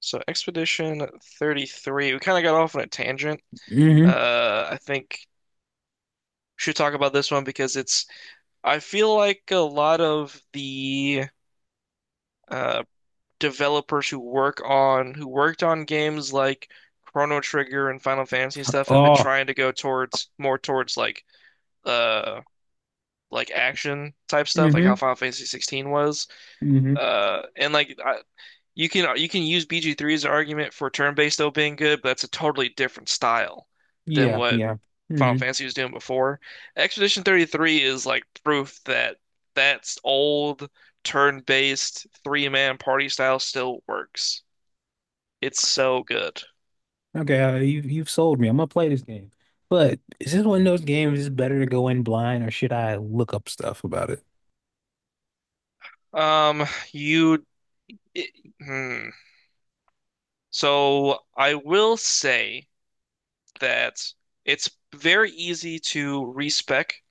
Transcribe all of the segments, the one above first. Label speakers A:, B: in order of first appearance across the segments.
A: So Expedition 33, we kind of got off on a tangent.
B: hmm
A: I think we should talk about this one because I feel like a lot of the uh, developers who worked on games like Chrono Trigger and Final Fantasy and stuff have been
B: Oh.
A: trying to go more towards uh, like action type stuff, like
B: hmm
A: how Final Fantasy 16 was.
B: hmm
A: Uh, and like I, You can you can use BG3 as an argument for turn-based though being good, but that's a totally different style than
B: Yeah,
A: what
B: yeah.
A: Final
B: hmm
A: Fantasy was doing before. Expedition 33 is like proof that that's old turn-based three-man party style still works. It's so good.
B: Okay, you've sold me. I'm gonna play this game. But is this one of those games is better to go in blind or should I look up stuff about it?
A: Um, you it, hmm. So I will say that it's very easy to respec,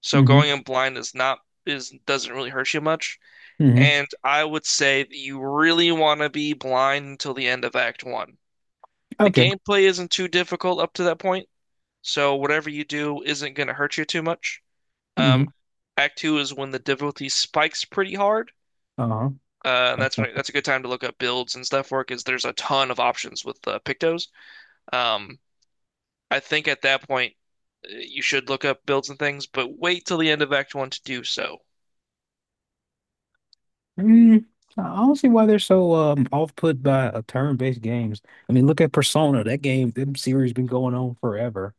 A: so going
B: hmm
A: in blind is not is doesn't really hurt you much.
B: hmm
A: And I would say that you really want to be blind until the end of Act One. The
B: Okay.
A: gameplay isn't too difficult up to that point, so whatever you do isn't going to hurt you too much.
B: hmm
A: Um, Act Two is when the difficulty spikes pretty hard,
B: Uh-huh.
A: uh, and that's
B: Uh,
A: when that's a good time to look up builds and stuff for it because there's a ton of options with Pictos. Um, I think at that point you should look up builds and things, but wait till the end of Act One to do so.
B: mm, I don't see why they're so off put by turn-based games. I mean, look at Persona. That game, that series been going on forever,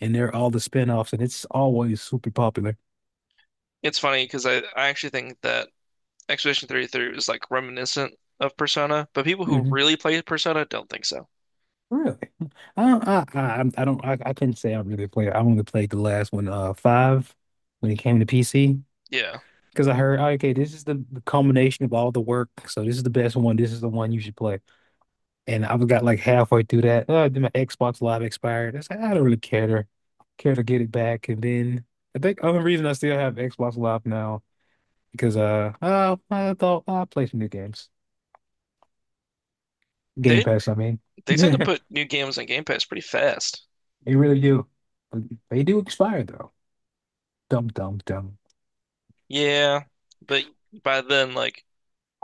B: and they're all the spin-offs, and it's always super popular.
A: It's funny because I actually think that Expedition 33 is like reminiscent of Persona, but people who
B: Mm-hmm.
A: really play Persona don't think so.
B: Really? I couldn't say I really played. I only played the last one, five, when it came to PC.
A: Yeah.
B: Because I heard, okay, this is the culmination of all the work. So this is the best one. This is the one you should play. And I got like halfway through that. Then my Xbox Live expired. I said, I don't really care to get it back. And then I think the only reason I still have Xbox Live now because I thought, "Oh, I play some new games. Game
A: They
B: Pass, I mean."
A: they tend to put new games on Game Pass pretty fast.
B: They really do. They do expire though. Dum dum dum.
A: Yeah, but by then like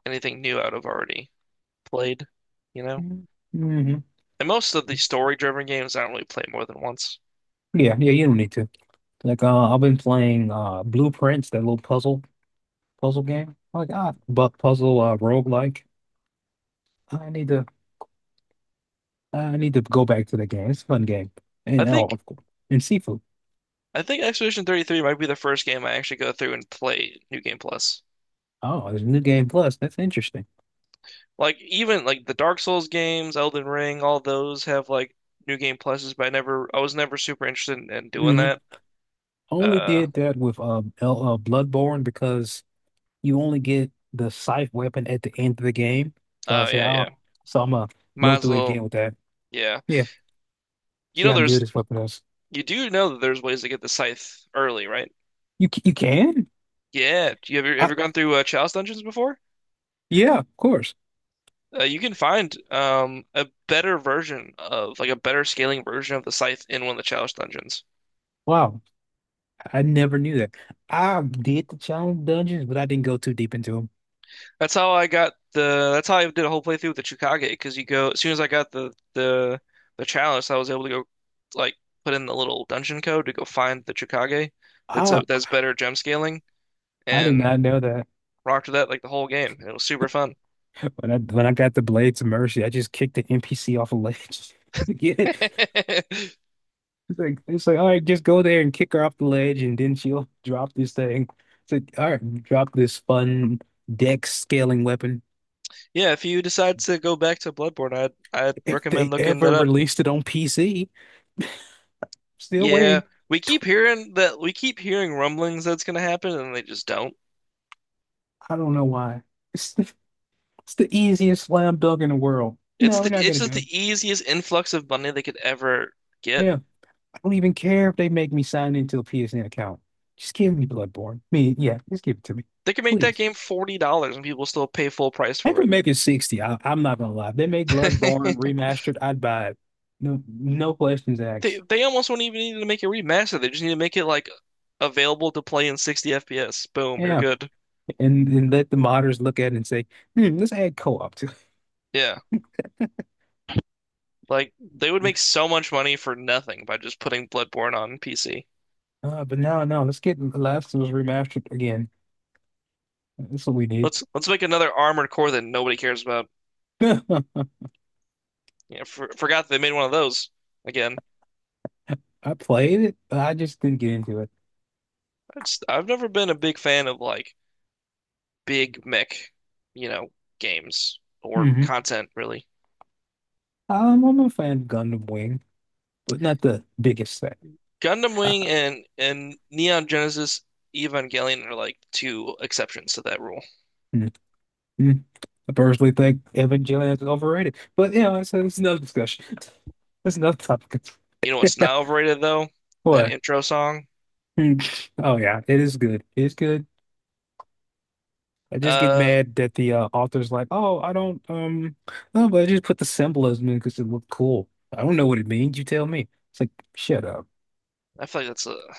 A: anything new I'd have already played, you know?
B: Mm-hmm.
A: And most of the story-driven games I don't really play more than once.
B: Yeah, yeah, you don't need to. Like, I've been playing Blueprints, that little puzzle game. Like, but puzzle roguelike. I need to I need to go back to the game. It's a fun game.
A: I
B: And oh,
A: think
B: of course. And seafood.
A: I think Expedition 33 might be the first game I actually go through and play New Game Plus.
B: Oh, there's a new game plus. That's interesting.
A: Like even like the Dark Souls games, Elden Ring, all those have like New Game Pluses, but I was never super interested in doing
B: hmm
A: that.
B: Only
A: Uh,
B: did that with L Bloodborne because you only get the scythe weapon at the end of the game. So I
A: oh
B: say,
A: yeah,
B: oh,
A: yeah.
B: so I'm gonna
A: Might
B: go
A: as
B: through it
A: well,
B: again with that.
A: yeah.
B: Yeah,
A: You
B: see
A: know,
B: how good
A: there's
B: this weapon is.
A: you do know that there's ways to get the scythe early, right?
B: You can?
A: Yeah. Do you ever
B: I,
A: ever gone through Chalice dungeons before?
B: yeah, of course.
A: You can find a better version of like a better scaling version of the scythe in one of the Chalice dungeons.
B: Wow, I never knew that. I did the challenge dungeons, but I didn't go too deep into them.
A: That's how I got the. That's how I did a whole playthrough with the Chukage because you go as soon as I got the Chalice, I was able to go like put in the little dungeon code to go find the Chukage.
B: Ah,
A: That's better gem scaling
B: I did
A: and.
B: not know that.
A: Rocked with that like the whole game. It was super fun.
B: When I got the Blades of Mercy, I just kicked the NPC off a ledge. To get it? It's like, it's like, all right, just go there and kick her off the ledge, and then she'll drop this thing. It's like, all right, drop this fun deck scaling weapon.
A: Yeah, if you decide to go back to Bloodborne, I'd
B: If
A: recommend
B: they
A: looking
B: ever
A: that up.
B: released it on PC, still
A: Yeah,
B: waiting. Tw-
A: we keep hearing rumblings that's gonna happen, and they just don't.
B: I don't know why. It's the easiest slam dunk in the world.
A: It's
B: No, we're
A: the
B: not
A: it's
B: gonna
A: just
B: do it.
A: the easiest influx of money they could ever get.
B: Yeah, I don't even care if they make me sign into a PSN account. Just give me Bloodborne. Me, yeah, just give it to me,
A: They could make that
B: please.
A: game $40, and people still pay full price
B: I
A: for
B: could
A: it.
B: make it 60. I'm not gonna lie. If they make Bloodborne remastered, I'd buy it. No, no questions
A: They
B: asked.
A: they almost won't even need to make it remastered. They just need to make it like available to play in 60 FPS. Boom, you're
B: Yeah,
A: good.
B: and let the modders look at it and say, hmm, let's add co-op to it.
A: Yeah. Like they would make so much money for nothing by just putting Bloodborne on PC.
B: But no, no, let's get The Last of Us remastered again. That's what we need.
A: Let's make another Armored Core that nobody cares about.
B: I
A: Yeah, forgot they made one of those again.
B: played it, but I just didn't get into it.
A: I've never been a big fan of like big mech, you know, games or
B: Mhm.
A: content really.
B: I'm a fan of Gundam Wing, but not the biggest fan.
A: Gundam
B: Uh,
A: Wing and Neon Genesis Evangelion are like two exceptions to that rule.
B: mm, mm. I personally think Evangelion is overrated, but you know, it's another discussion. That's another topic.
A: You know what's not overrated though? That
B: What?
A: intro song.
B: Mm. Oh yeah, it is good. It's good. I just get
A: Uh,
B: mad that the author's like, oh, I don't, no, but I just put the symbolism in because it looked cool. I don't know what it means. You tell me. It's like, shut up.
A: I feel like that's a I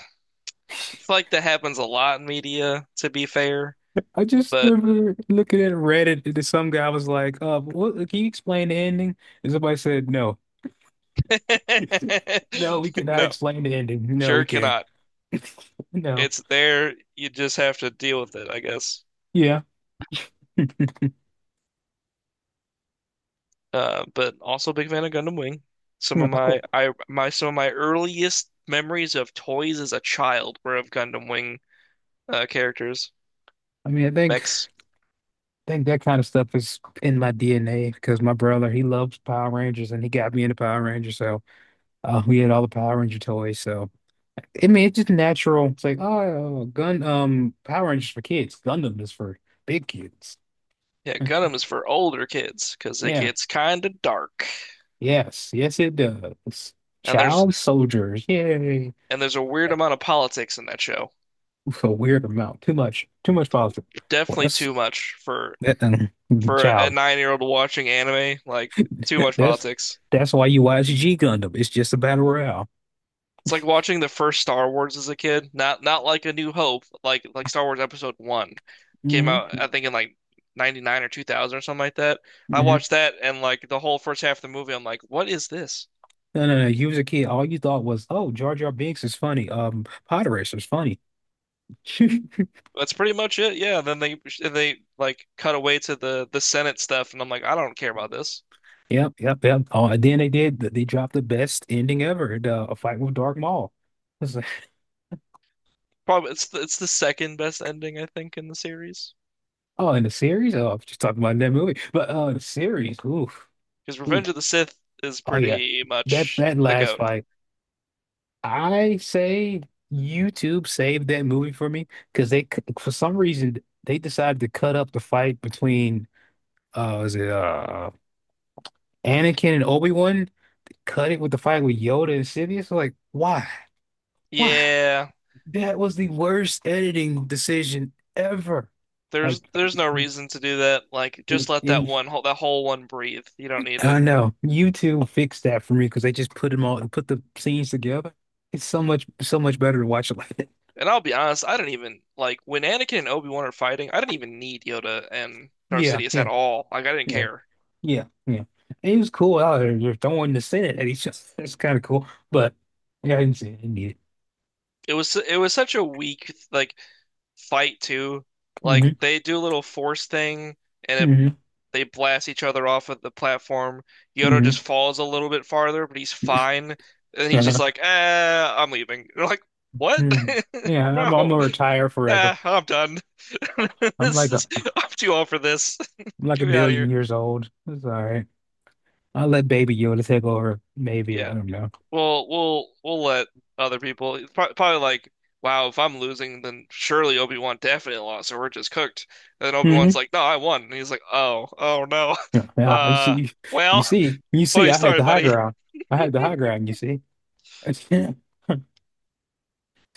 A: feel like that happens a lot in media, to be fair.
B: I just
A: But
B: remember looking at Reddit and some guy was like, what, can you explain the ending? And somebody said, no, no, we cannot
A: no,
B: explain the ending. No,
A: Sure
B: we can't.
A: cannot.
B: No.
A: It's there. You just have to deal with it, I guess.
B: Yeah.
A: But also big fan of Gundam Wing.
B: Yeah, cool.
A: Some of my earliest memories of toys as a child were of Gundam Wing characters,
B: I mean, I think
A: mechs.
B: I think that kind of stuff is in my DNA because my brother, he loves Power Rangers and he got me into Power Rangers. So we had all the Power Ranger toys. So I mean, it's just natural. It's like, oh, Power Rangers for kids. Gundam is for big kids.
A: Yeah, Gundam is for older kids because it
B: Yeah.
A: gets kind of dark,
B: Yes, yes, it does.
A: and
B: Child soldiers, yay!
A: there's a weird amount of politics in that show.
B: Oof, a weird amount, too much positive. Well,
A: Definitely
B: that's
A: too much
B: that
A: for a
B: child.
A: 9 year old watching anime. Like too much
B: That's
A: politics.
B: that's why you watch G Gundam. It's just a battle royale.
A: It's like watching the first Star Wars as a kid. Not like A New Hope, like Star Wars Episode One came
B: hmm
A: out, I
B: hmm
A: think in like 99 or 2000 or something like that. I
B: No,
A: watched that and like the whole first half of the movie, I'm like, what is this?
B: no, no. You was a kid. All you thought was, oh, Jar Jar Binks is funny. Pod Racer is funny.
A: That's pretty much it. Yeah. Then they like cut away to the Senate stuff, and I'm like, I don't care about this.
B: Yep, yep, yep. Oh, and then they did. They dropped the best ending ever, the a fight with Dark Maul. It's like,
A: Probably it's the second best ending I think in the series
B: oh, in the series. Oh, I'm just talking about that movie, but the series. Oof.
A: because
B: Oof.
A: Revenge of the Sith is
B: Oh yeah,
A: pretty
B: that
A: much
B: that
A: the
B: last
A: goat.
B: fight, I say YouTube saved that movie for me because for some reason they decided to cut up the fight between was it Anakin and Obi-Wan, cut it with the fight with Yoda and Sidious. Like why? Why?
A: Yeah.
B: That was the worst editing decision ever.
A: There's
B: Like
A: there's no reason to do that. Like just let
B: in
A: that whole one breathe. You don't need
B: I
A: it.
B: know YouTube fixed that for me because they just put them all put the scenes together. It's so much better to watch it like that.
A: And I'll be honest, I don't even like when Anakin and Obi-Wan are fighting, I didn't even need Yoda and Darth
B: Yeah,
A: Sidious at
B: yeah,
A: all. Like I didn't
B: yeah,
A: care.
B: yeah. And he was cool out there. They're throwing the Senate at each other. That's kind of cool. But yeah, I didn't see it. I need it.
A: It was such a weak like fight too. Like they do a little force thing and it,
B: Mm-hmm.
A: they blast each other off of the platform. Yoda
B: Mm-hmm.
A: just falls a little bit farther, but he's fine. And he's just
B: Mm-hmm.
A: like, "Eh, I'm leaving." You're like, "What?"
B: hmm Yeah, I'm
A: Bro.
B: gonna retire forever.
A: Ah, I'm done.
B: I'm
A: This
B: like a
A: is I'm too old for this.
B: I'm like a
A: Get me out of
B: million
A: here.
B: years old. It's all right. I'll let Baby Yoda take over. Maybe
A: Yeah.
B: I don't know.
A: We'll let other people probably like, wow, if I'm losing, then surely Obi-Wan definitely lost, or we're just cooked. And then Obi-Wan's
B: Mm-hmm.
A: like, no, I won. And he's like, oh, oh no.
B: Yeah, yeah, I
A: Uh,
B: see. You
A: well,
B: see, you see,
A: funny
B: I had
A: story,
B: the high
A: buddy.
B: ground. I had the high ground. You see, see,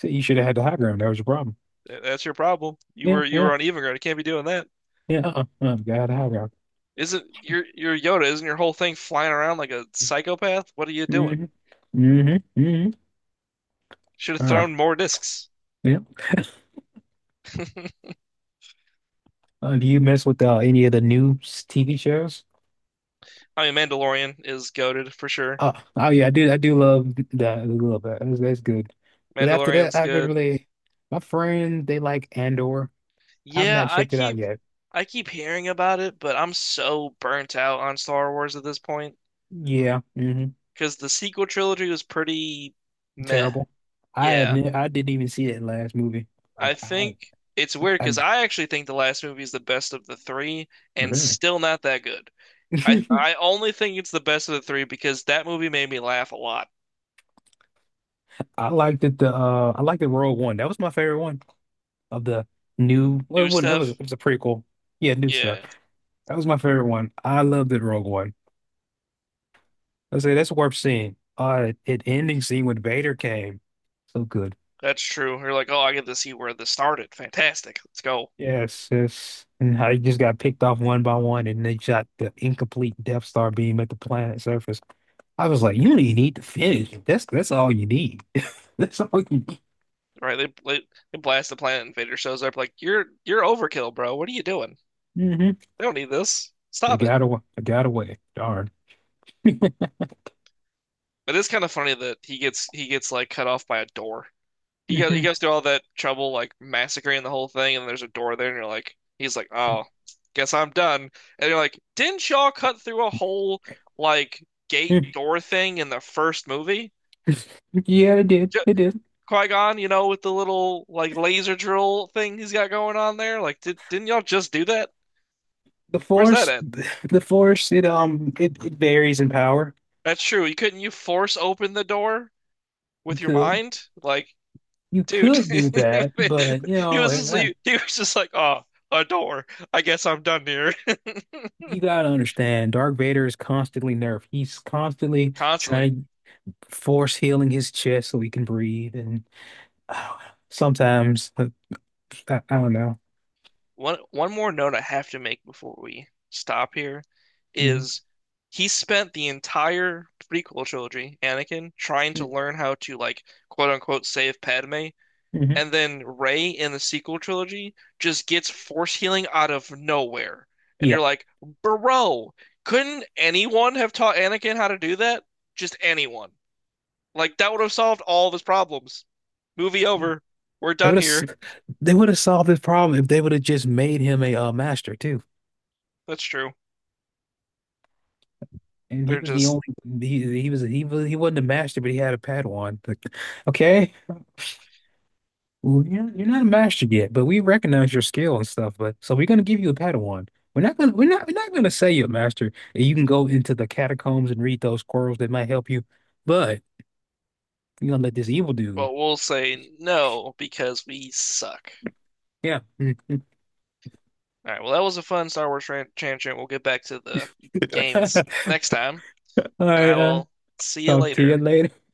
B: you should have had the high ground. That was your problem.
A: That's your problem. You
B: Yeah,
A: were you
B: yeah,
A: were on even ground. You can't be doing that.
B: yeah. Uh-uh. Got the high ground.
A: Isn't your Yoda? Isn't your whole thing flying around like a psychopath? What are you doing?
B: hmm hmm hmm
A: Should have
B: Uh,
A: thrown more discs.
B: yeah. Do you mess with any of the new TV shows?
A: I mean, Mandalorian is goaded for sure.
B: Oh, oh yeah, I do. I do love that a little bit. That's good. But after that,
A: Mandalorian's
B: I haven't
A: good.
B: really. My friends, they like Andor. I've
A: Yeah,
B: not checked it out yet.
A: I keep hearing about it, but I'm so burnt out on Star Wars at this point
B: Yeah.
A: because the sequel trilogy was pretty meh.
B: Terrible.
A: Yeah,
B: I didn't even see that last movie.
A: I
B: Like
A: think it's weird because
B: I
A: I actually think the last movie is the best of the three and
B: really.
A: still not that good. I only think it's the best of the three because that movie made me laugh a lot.
B: I liked it. The I liked the Rogue One. That was my favorite one of the new. Well, it
A: New
B: wasn't- That was
A: stuff,
B: it was a prequel. Yeah, new stuff.
A: yeah,
B: That was my favorite one. I loved it, Rogue One. I say that's worth seeing. It ending scene when Vader came, so good.
A: that's true. You're like, oh, I get to see where this started. Fantastic. Let's go.
B: Yes, yes. And how he just got picked off one by one, and they shot the incomplete Death Star beam at the planet surface. I was like, you don't even need to finish. That's all you need. That's all you need.
A: Right? They they blast the planet, and Vader shows up like, you're overkill, bro. What are you doing?
B: hmm
A: They don't need this.
B: They
A: Stop it."
B: got away. They got away. Darn.
A: It is kind of funny that he gets like cut off by a door. He goes through all that trouble like massacring the whole thing, and there's a door there, and he's like, "Oh, guess I'm done." And you're like, "Didn't y'all cut through a whole like gate
B: Mhm.
A: door thing in the first movie?"
B: Yeah, it did.
A: J-
B: It did.
A: Qui-Gon, you know, with the little like laser drill thing he's got going on there. Like, didn't y'all just do that?
B: The
A: Where's that
B: force,
A: at?
B: the force, it varies in power.
A: That's true. You couldn't You force open the door
B: You
A: with your
B: could.
A: mind? Like,
B: You
A: dude,
B: could do that, but you know,
A: he was just like, oh, a door. I guess I'm done here.
B: you gotta understand, Dark Vader is constantly nerfed. He's constantly
A: Constantly.
B: trying to force healing his chest so he can breathe, and uh, sometimes I don't know.
A: One more note I have to make before we stop here
B: Mm,
A: is he spent the entire prequel trilogy, Anakin, trying to
B: mm,
A: learn how to like quote unquote save Padme
B: mhm.
A: and then Rey in the sequel trilogy just gets force healing out of nowhere. And you're
B: Yeah,
A: like, bro, couldn't anyone have taught Anakin how to do that? Just anyone. Like that would have solved all of his problems. Movie over.
B: they
A: We're done
B: would
A: here.
B: have they would have solved this problem if they would have just made him a master too.
A: That's true.
B: And he
A: They're
B: was the
A: just,
B: only he wasn't a master, but he had a Padawan. Like, okay. Well, you're not a master yet, but we recognize your skill and stuff. But so we're gonna give you a Padawan. We're not gonna say you're a master and you can go into the catacombs and read those scrolls that might help you. But you're gonna let this evil
A: but
B: dude.
A: we'll say no because we suck.
B: Yeah.
A: All right. Well, that was a fun Star Wars tangent. We'll get back to the
B: All
A: games next time, and I
B: right.
A: will see you
B: Talk to you
A: later.
B: later.